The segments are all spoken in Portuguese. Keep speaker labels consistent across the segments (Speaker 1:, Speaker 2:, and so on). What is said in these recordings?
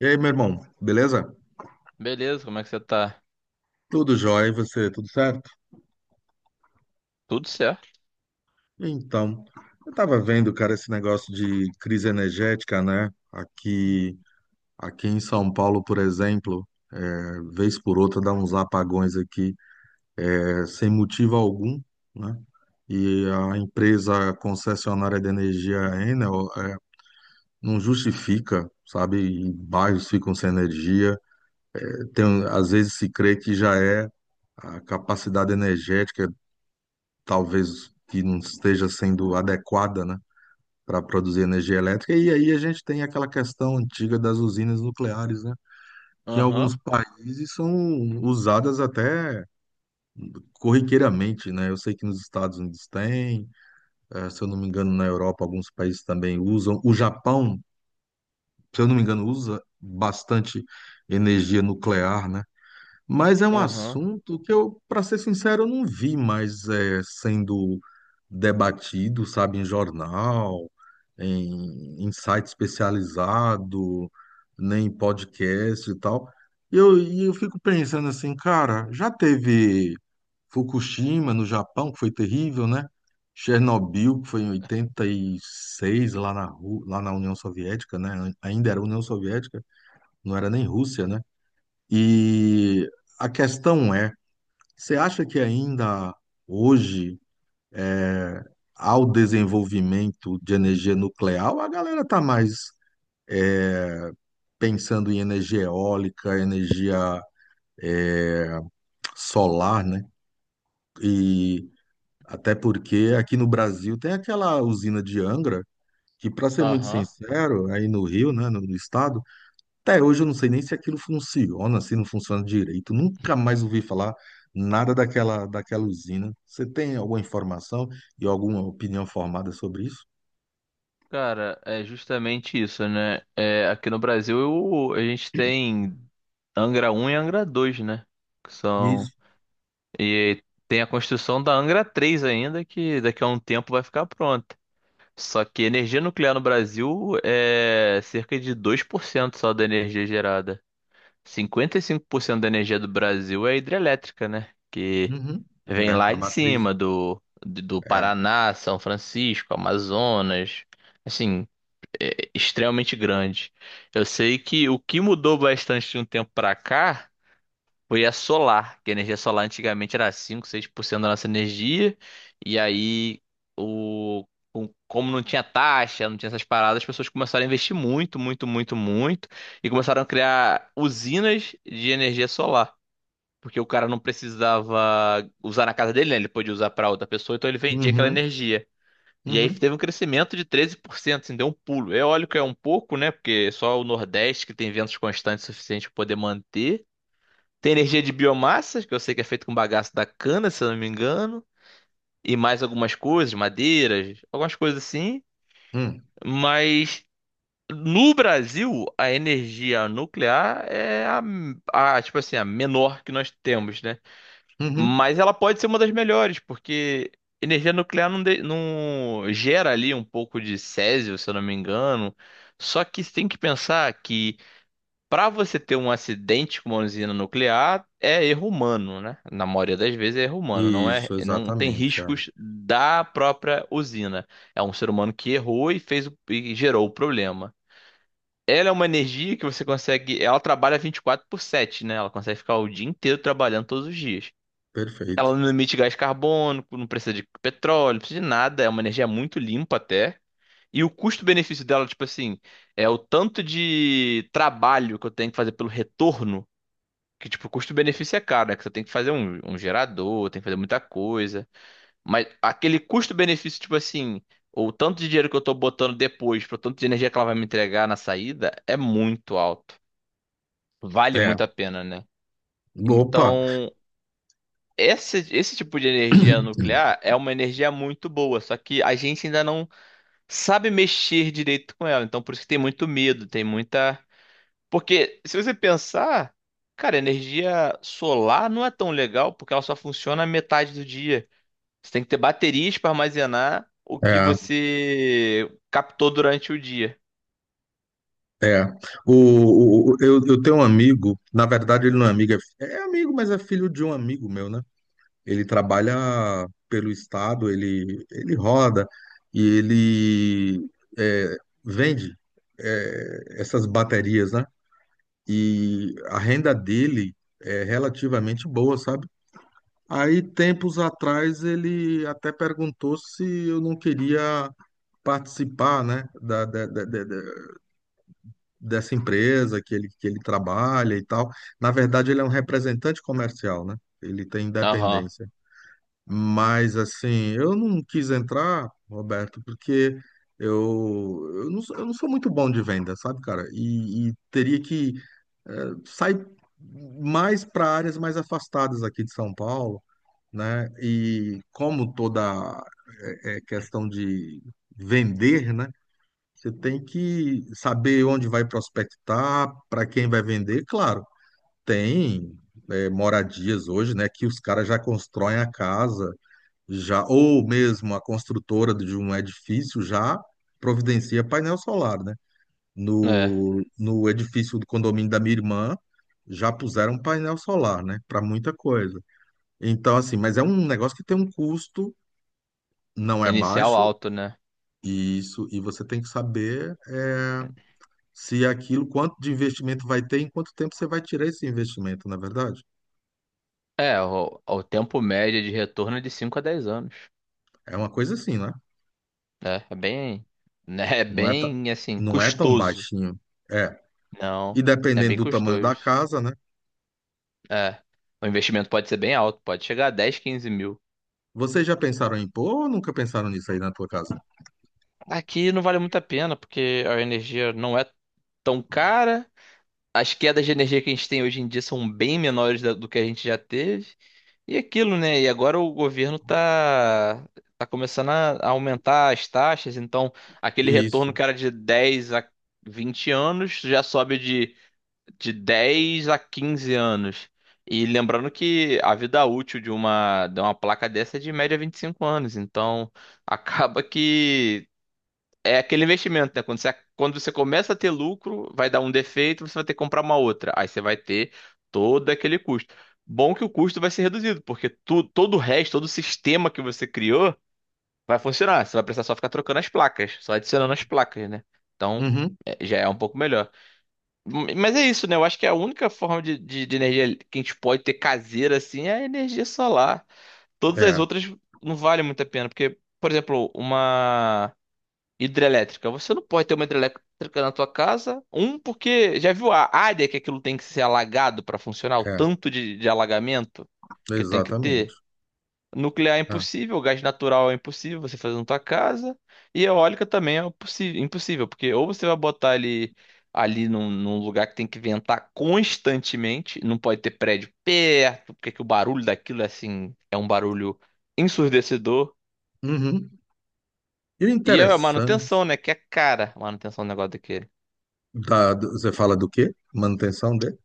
Speaker 1: E aí, meu irmão, beleza?
Speaker 2: Beleza, como é que você tá?
Speaker 1: Tudo jóia, e você, tudo certo?
Speaker 2: Tudo certo?
Speaker 1: Então, eu tava vendo, cara, esse negócio de crise energética, né? Aqui, em São Paulo, por exemplo, é, vez por outra dá uns apagões aqui, sem motivo algum, né? E a empresa concessionária de energia Enel não justifica, sabe? E bairros ficam sem energia. Tem, às vezes se crê que já é a capacidade energética talvez que não esteja sendo adequada, né, para produzir energia elétrica. E aí a gente tem aquela questão antiga das usinas nucleares, né, que em
Speaker 2: Aham,
Speaker 1: alguns países são usadas até corriqueiramente, né? Eu sei que nos Estados Unidos tem, se eu não me engano, na Europa alguns países também usam. O Japão, se eu não me engano, usa bastante energia nuclear, né? Mas é um
Speaker 2: aham,
Speaker 1: assunto que eu, para ser sincero, eu não vi mais sendo debatido, sabe, em jornal, em site especializado, nem em podcast e tal. E eu fico pensando assim, cara, já teve Fukushima no Japão, que foi terrível, né? Chernobyl, que foi em 86 lá na, lá na União Soviética, né? Ainda era União Soviética, não era nem Rússia, né? E a questão é, você acha que ainda hoje ao desenvolvimento de energia nuclear, a galera está mais pensando em energia eólica, energia solar, né? E até porque aqui no Brasil tem aquela usina de Angra, que, para ser muito
Speaker 2: aham.
Speaker 1: sincero, aí no Rio, né, no estado, até hoje eu não sei nem se aquilo funciona, se não funciona direito. Nunca mais ouvi falar nada daquela usina. Você tem alguma informação e alguma opinião formada sobre isso?
Speaker 2: Cara, é justamente isso, né? É, aqui no Brasil a gente tem Angra 1 e Angra 2, né? Que são.
Speaker 1: Isso.
Speaker 2: E tem a construção da Angra 3 ainda, que daqui a um tempo vai ficar pronta. Só que energia nuclear no Brasil é cerca de 2% só da energia gerada. 55% da energia do Brasil é hidrelétrica, né? Que
Speaker 1: Uhum.
Speaker 2: Vem
Speaker 1: É,
Speaker 2: lá
Speaker 1: a
Speaker 2: de
Speaker 1: matriz.
Speaker 2: cima do
Speaker 1: É.
Speaker 2: Paraná, São Francisco, Amazonas, assim, é extremamente grande. Eu sei que o que mudou bastante de um tempo pra cá foi a solar, que a energia solar antigamente era cinco seis por cento da nossa energia, e aí o, como não tinha taxa, não tinha essas paradas, as pessoas começaram a investir muito, muito, muito, muito, e começaram a criar usinas de energia solar. Porque o cara não precisava usar na casa dele, né? Ele podia usar pra outra pessoa, então ele vendia aquela
Speaker 1: Uhum.
Speaker 2: energia. E aí
Speaker 1: Uhum.
Speaker 2: teve um crescimento de 13%, assim, deu um pulo. É óbvio que é um pouco, né? Porque só o Nordeste que tem ventos constantes suficientes para poder manter. Tem energia de biomassa, que eu sei que é feito com bagaço da cana, se eu não me engano. E mais algumas coisas, madeiras, algumas coisas assim.
Speaker 1: Hum.
Speaker 2: Mas no Brasil, a energia nuclear é tipo assim, a menor que nós temos, né?
Speaker 1: Uhum.
Speaker 2: Mas ela pode ser uma das melhores, porque energia nuclear não, não gera ali um pouco de césio, se eu não me engano. Só que você tem que pensar que para você ter um acidente com uma usina nuclear é erro humano, né? Na maioria das vezes é erro humano, não é,
Speaker 1: Isso,
Speaker 2: não tem
Speaker 1: exatamente. É.
Speaker 2: riscos da própria usina. É um ser humano que errou e e gerou o problema. Ela é uma energia que você consegue, ela trabalha 24/7, né? Ela consegue ficar o dia inteiro trabalhando todos os dias.
Speaker 1: Perfeito.
Speaker 2: Ela não emite gás carbônico, não precisa de petróleo, não precisa de nada, é uma energia muito limpa até. E o custo-benefício dela, tipo assim, é o tanto de trabalho que eu tenho que fazer pelo retorno, que tipo, o custo-benefício é caro, né? Que você tem que fazer um gerador, tem que fazer muita coisa. Mas aquele custo-benefício, tipo assim, ou o tanto de dinheiro que eu tô botando depois, pro tanto de energia que ela vai me entregar na saída, é muito alto. Vale
Speaker 1: É.
Speaker 2: muito a pena, né?
Speaker 1: Opa!
Speaker 2: Então, esse tipo de energia nuclear é uma energia muito boa, só que a gente ainda não sabe mexer direito com ela. Então, por isso que tem muito medo, tem muita. Porque, se você pensar, cara, energia solar não é tão legal porque ela só funciona metade do dia. Você tem que ter baterias para armazenar o que
Speaker 1: É,
Speaker 2: você captou durante o dia.
Speaker 1: é. Eu tenho um amigo, na verdade ele não é amigo, é amigo, mas é filho de um amigo meu, né? Ele trabalha pelo estado, ele roda e ele é, vende essas baterias, né? E a renda dele é relativamente boa, sabe? Aí, tempos atrás, ele até perguntou se eu não queria participar, né, dessa empresa que ele trabalha e tal. Na verdade, ele é um representante comercial, né? Ele tem
Speaker 2: Aham,
Speaker 1: independência. Mas assim, eu não quis entrar, Roberto, porque eu não sou muito bom de venda, sabe, cara? E teria que sair mais para áreas mais afastadas aqui de São Paulo, né? E como toda questão de vender, né? Você tem que saber onde vai prospectar, para quem vai vender. Claro, tem moradias hoje, né? Que os caras já constroem a casa já, ou mesmo a construtora de um edifício já providencia painel solar, né?
Speaker 2: é.
Speaker 1: No edifício do condomínio da minha irmã, já puseram painel solar, né? Para muita coisa. Então, assim, mas é um negócio que tem um custo, não é
Speaker 2: Inicial
Speaker 1: baixo,
Speaker 2: alto, né?
Speaker 1: e isso, e você tem que saber se aquilo, quanto de investimento vai ter, em quanto tempo você vai tirar esse investimento, na verdade.
Speaker 2: É, o tempo médio de retorno é de 5 a 10 anos.
Speaker 1: É uma coisa assim, né?
Speaker 2: Né? É bem, né? É
Speaker 1: Não é, ta-
Speaker 2: bem assim,
Speaker 1: não é tão
Speaker 2: custoso.
Speaker 1: baixinho. É. E
Speaker 2: Não, é
Speaker 1: dependendo
Speaker 2: bem
Speaker 1: do tamanho da
Speaker 2: custoso.
Speaker 1: casa, né?
Speaker 2: É. O investimento pode ser bem alto, pode chegar a 10 15 mil.
Speaker 1: Vocês já pensaram em pôr ou nunca pensaram nisso aí na tua casa?
Speaker 2: Aqui não vale muito a pena, porque a energia não é tão cara. As quedas de energia que a gente tem hoje em dia são bem menores do que a gente já teve. E aquilo, né? E agora o governo tá começando a aumentar as taxas, então aquele retorno
Speaker 1: Isso.
Speaker 2: que era de 10 a 20 anos já sobe de 10 a 15 anos. E lembrando que a vida útil de uma placa dessa é de média 25 anos. Então, acaba que é aquele investimento, né? Quando você começa a ter lucro, vai dar um defeito, você vai ter que comprar uma outra. Aí você vai ter todo aquele custo. Bom que o custo vai ser reduzido, porque tu, todo o resto, todo o sistema que você criou vai funcionar. Você vai precisar só ficar trocando as placas, só adicionando as placas, né? Então,
Speaker 1: Uhum.
Speaker 2: já é um pouco melhor. Mas é isso, né? Eu acho que a única forma de energia que a gente pode ter caseira assim é a energia solar. Todas as
Speaker 1: É,
Speaker 2: outras não valem muito a pena, porque, por exemplo, uma hidrelétrica. Você não pode ter uma hidrelétrica na tua casa. Um, porque já viu a área que aquilo tem que ser alagado para funcionar, o
Speaker 1: é,
Speaker 2: tanto de alagamento que tem que
Speaker 1: exatamente.
Speaker 2: ter? Nuclear é
Speaker 1: É.
Speaker 2: impossível, gás natural é impossível você fazer na tua casa. E eólica também é possível, impossível, porque ou você vai botar ele ali num lugar que tem que ventar constantemente, não pode ter prédio perto, porque que o barulho daquilo é assim, é um barulho ensurdecedor.
Speaker 1: Uhum. E o
Speaker 2: E é a
Speaker 1: interessante,
Speaker 2: manutenção, né, que é cara, a manutenção do negócio daquele,
Speaker 1: você fala do quê? Manutenção de?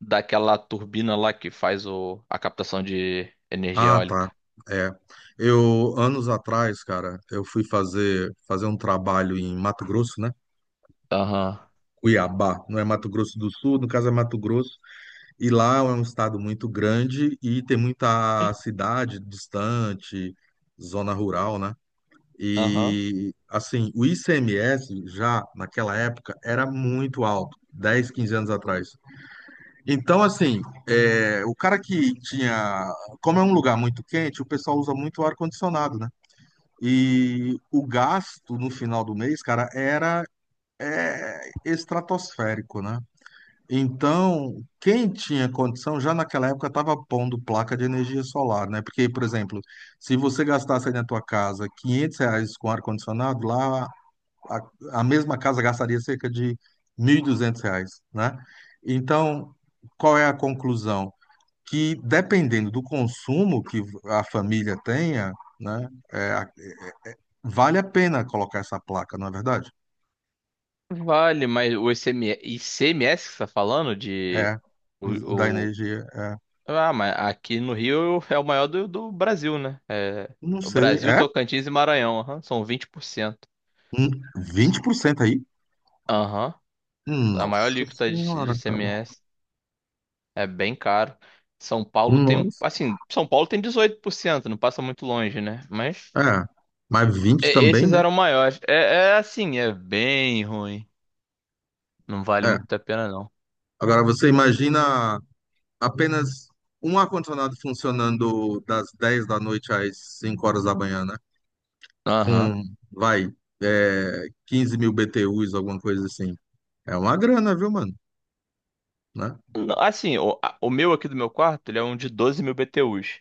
Speaker 2: daquela turbina lá que faz a captação de energia
Speaker 1: Ah, tá.
Speaker 2: eólica.
Speaker 1: É. Eu, anos atrás, cara, eu fui fazer um trabalho em Mato Grosso, né?
Speaker 2: Aham.
Speaker 1: Cuiabá, não é Mato Grosso do Sul, no caso é Mato Grosso, e lá é um estado muito grande e tem muita cidade distante, zona rural, né?
Speaker 2: Aham.
Speaker 1: E assim, o ICMS já naquela época era muito alto, 10 15 anos atrás. Então, assim, o cara que tinha. Como é um lugar muito quente, o pessoal usa muito ar-condicionado, né? E o gasto no final do mês, cara, era estratosférico, né? Então, quem tinha condição já naquela época estava pondo placa de energia solar, né? Porque, por exemplo, se você gastasse aí na tua casa R$ 500 com ar-condicionado, lá a, a mesma casa gastaria cerca de R$ 1.200, né? Então, qual é a conclusão? Que dependendo do consumo que a família tenha, né, vale a pena colocar essa placa, não é verdade?
Speaker 2: Vale, mas o ICMS que você tá falando de
Speaker 1: É, da
Speaker 2: o, o-
Speaker 1: energia, é.
Speaker 2: Ah, mas aqui no Rio é o maior do Brasil, né? É,
Speaker 1: Não
Speaker 2: o
Speaker 1: sei,
Speaker 2: Brasil,
Speaker 1: é?
Speaker 2: Tocantins e Maranhão, aham, são 20%.
Speaker 1: Hum, 20% aí?
Speaker 2: Aham, a maior
Speaker 1: Nossa
Speaker 2: alíquota de
Speaker 1: senhora, cara.
Speaker 2: ICMS é bem caro. São Paulo tem,
Speaker 1: Nossa.
Speaker 2: assim, São Paulo tem 18%, não passa muito longe, né? Mas
Speaker 1: É, mas 20 também,
Speaker 2: esses
Speaker 1: né?
Speaker 2: eram maiores. É, é assim, é bem ruim. Não vale
Speaker 1: É.
Speaker 2: muito a pena, não.
Speaker 1: Agora você imagina apenas um ar-condicionado funcionando das 10 da noite às 5 horas da manhã, né?
Speaker 2: Aham.
Speaker 1: Com, vai, 15 mil BTUs, alguma coisa assim. É uma grana, viu, mano? Né?
Speaker 2: Não, assim, o meu aqui do meu quarto, ele é um de 12 mil BTUs.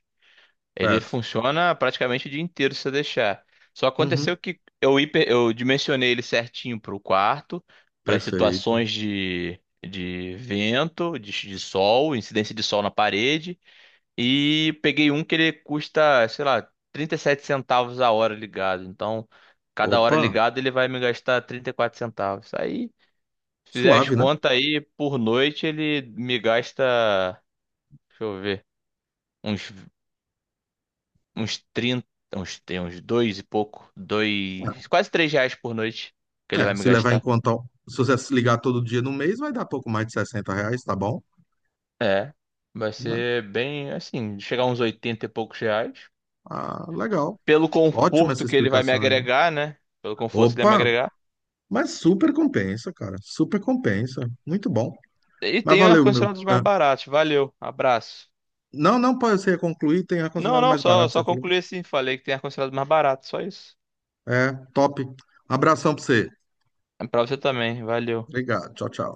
Speaker 2: Ele
Speaker 1: Certo.
Speaker 2: funciona praticamente o dia inteiro se eu deixar. Só
Speaker 1: Uhum,
Speaker 2: aconteceu que eu dimensionei ele certinho para o quarto, para as
Speaker 1: perfeito.
Speaker 2: situações de vento, de sol, incidência de sol na parede. E peguei um que ele custa, sei lá, 37 centavos a hora ligado. Então, cada hora
Speaker 1: Opa,
Speaker 2: ligado ele vai me gastar 34 centavos. Aí, se fizer as
Speaker 1: suave, né?
Speaker 2: contas aí, por noite ele me gasta. Deixa eu ver. Uns, uns 30 uns, tem uns dois e pouco. Dois, quase três reais por noite que
Speaker 1: É,
Speaker 2: ele vai
Speaker 1: é,
Speaker 2: me
Speaker 1: se levar em
Speaker 2: gastar.
Speaker 1: conta, se você se ligar todo dia no mês, vai dar pouco mais de R$ 60, tá bom?
Speaker 2: É. Vai
Speaker 1: Né?
Speaker 2: ser bem assim, chegar a uns 80 e poucos reais.
Speaker 1: Ah, legal.
Speaker 2: Pelo
Speaker 1: Ótima essa
Speaker 2: conforto que ele vai me
Speaker 1: explicação aí.
Speaker 2: agregar, né? Pelo conforto que ele vai me
Speaker 1: Opa,
Speaker 2: agregar.
Speaker 1: mas super compensa, cara. Super compensa. Muito bom.
Speaker 2: E
Speaker 1: Mas
Speaker 2: tem
Speaker 1: valeu, meu.
Speaker 2: ar-condicionado mais baratos. Valeu, abraço.
Speaker 1: Não, não, pode ser concluir, tem
Speaker 2: Não,
Speaker 1: ar-condicionado
Speaker 2: não,
Speaker 1: mais
Speaker 2: só,
Speaker 1: barato, você
Speaker 2: só
Speaker 1: falou.
Speaker 2: concluí assim. Falei que tem ar-condicionado mais barato, só isso.
Speaker 1: É, top. Abração pra você.
Speaker 2: É pra você também, valeu.
Speaker 1: Obrigado. Tchau, tchau.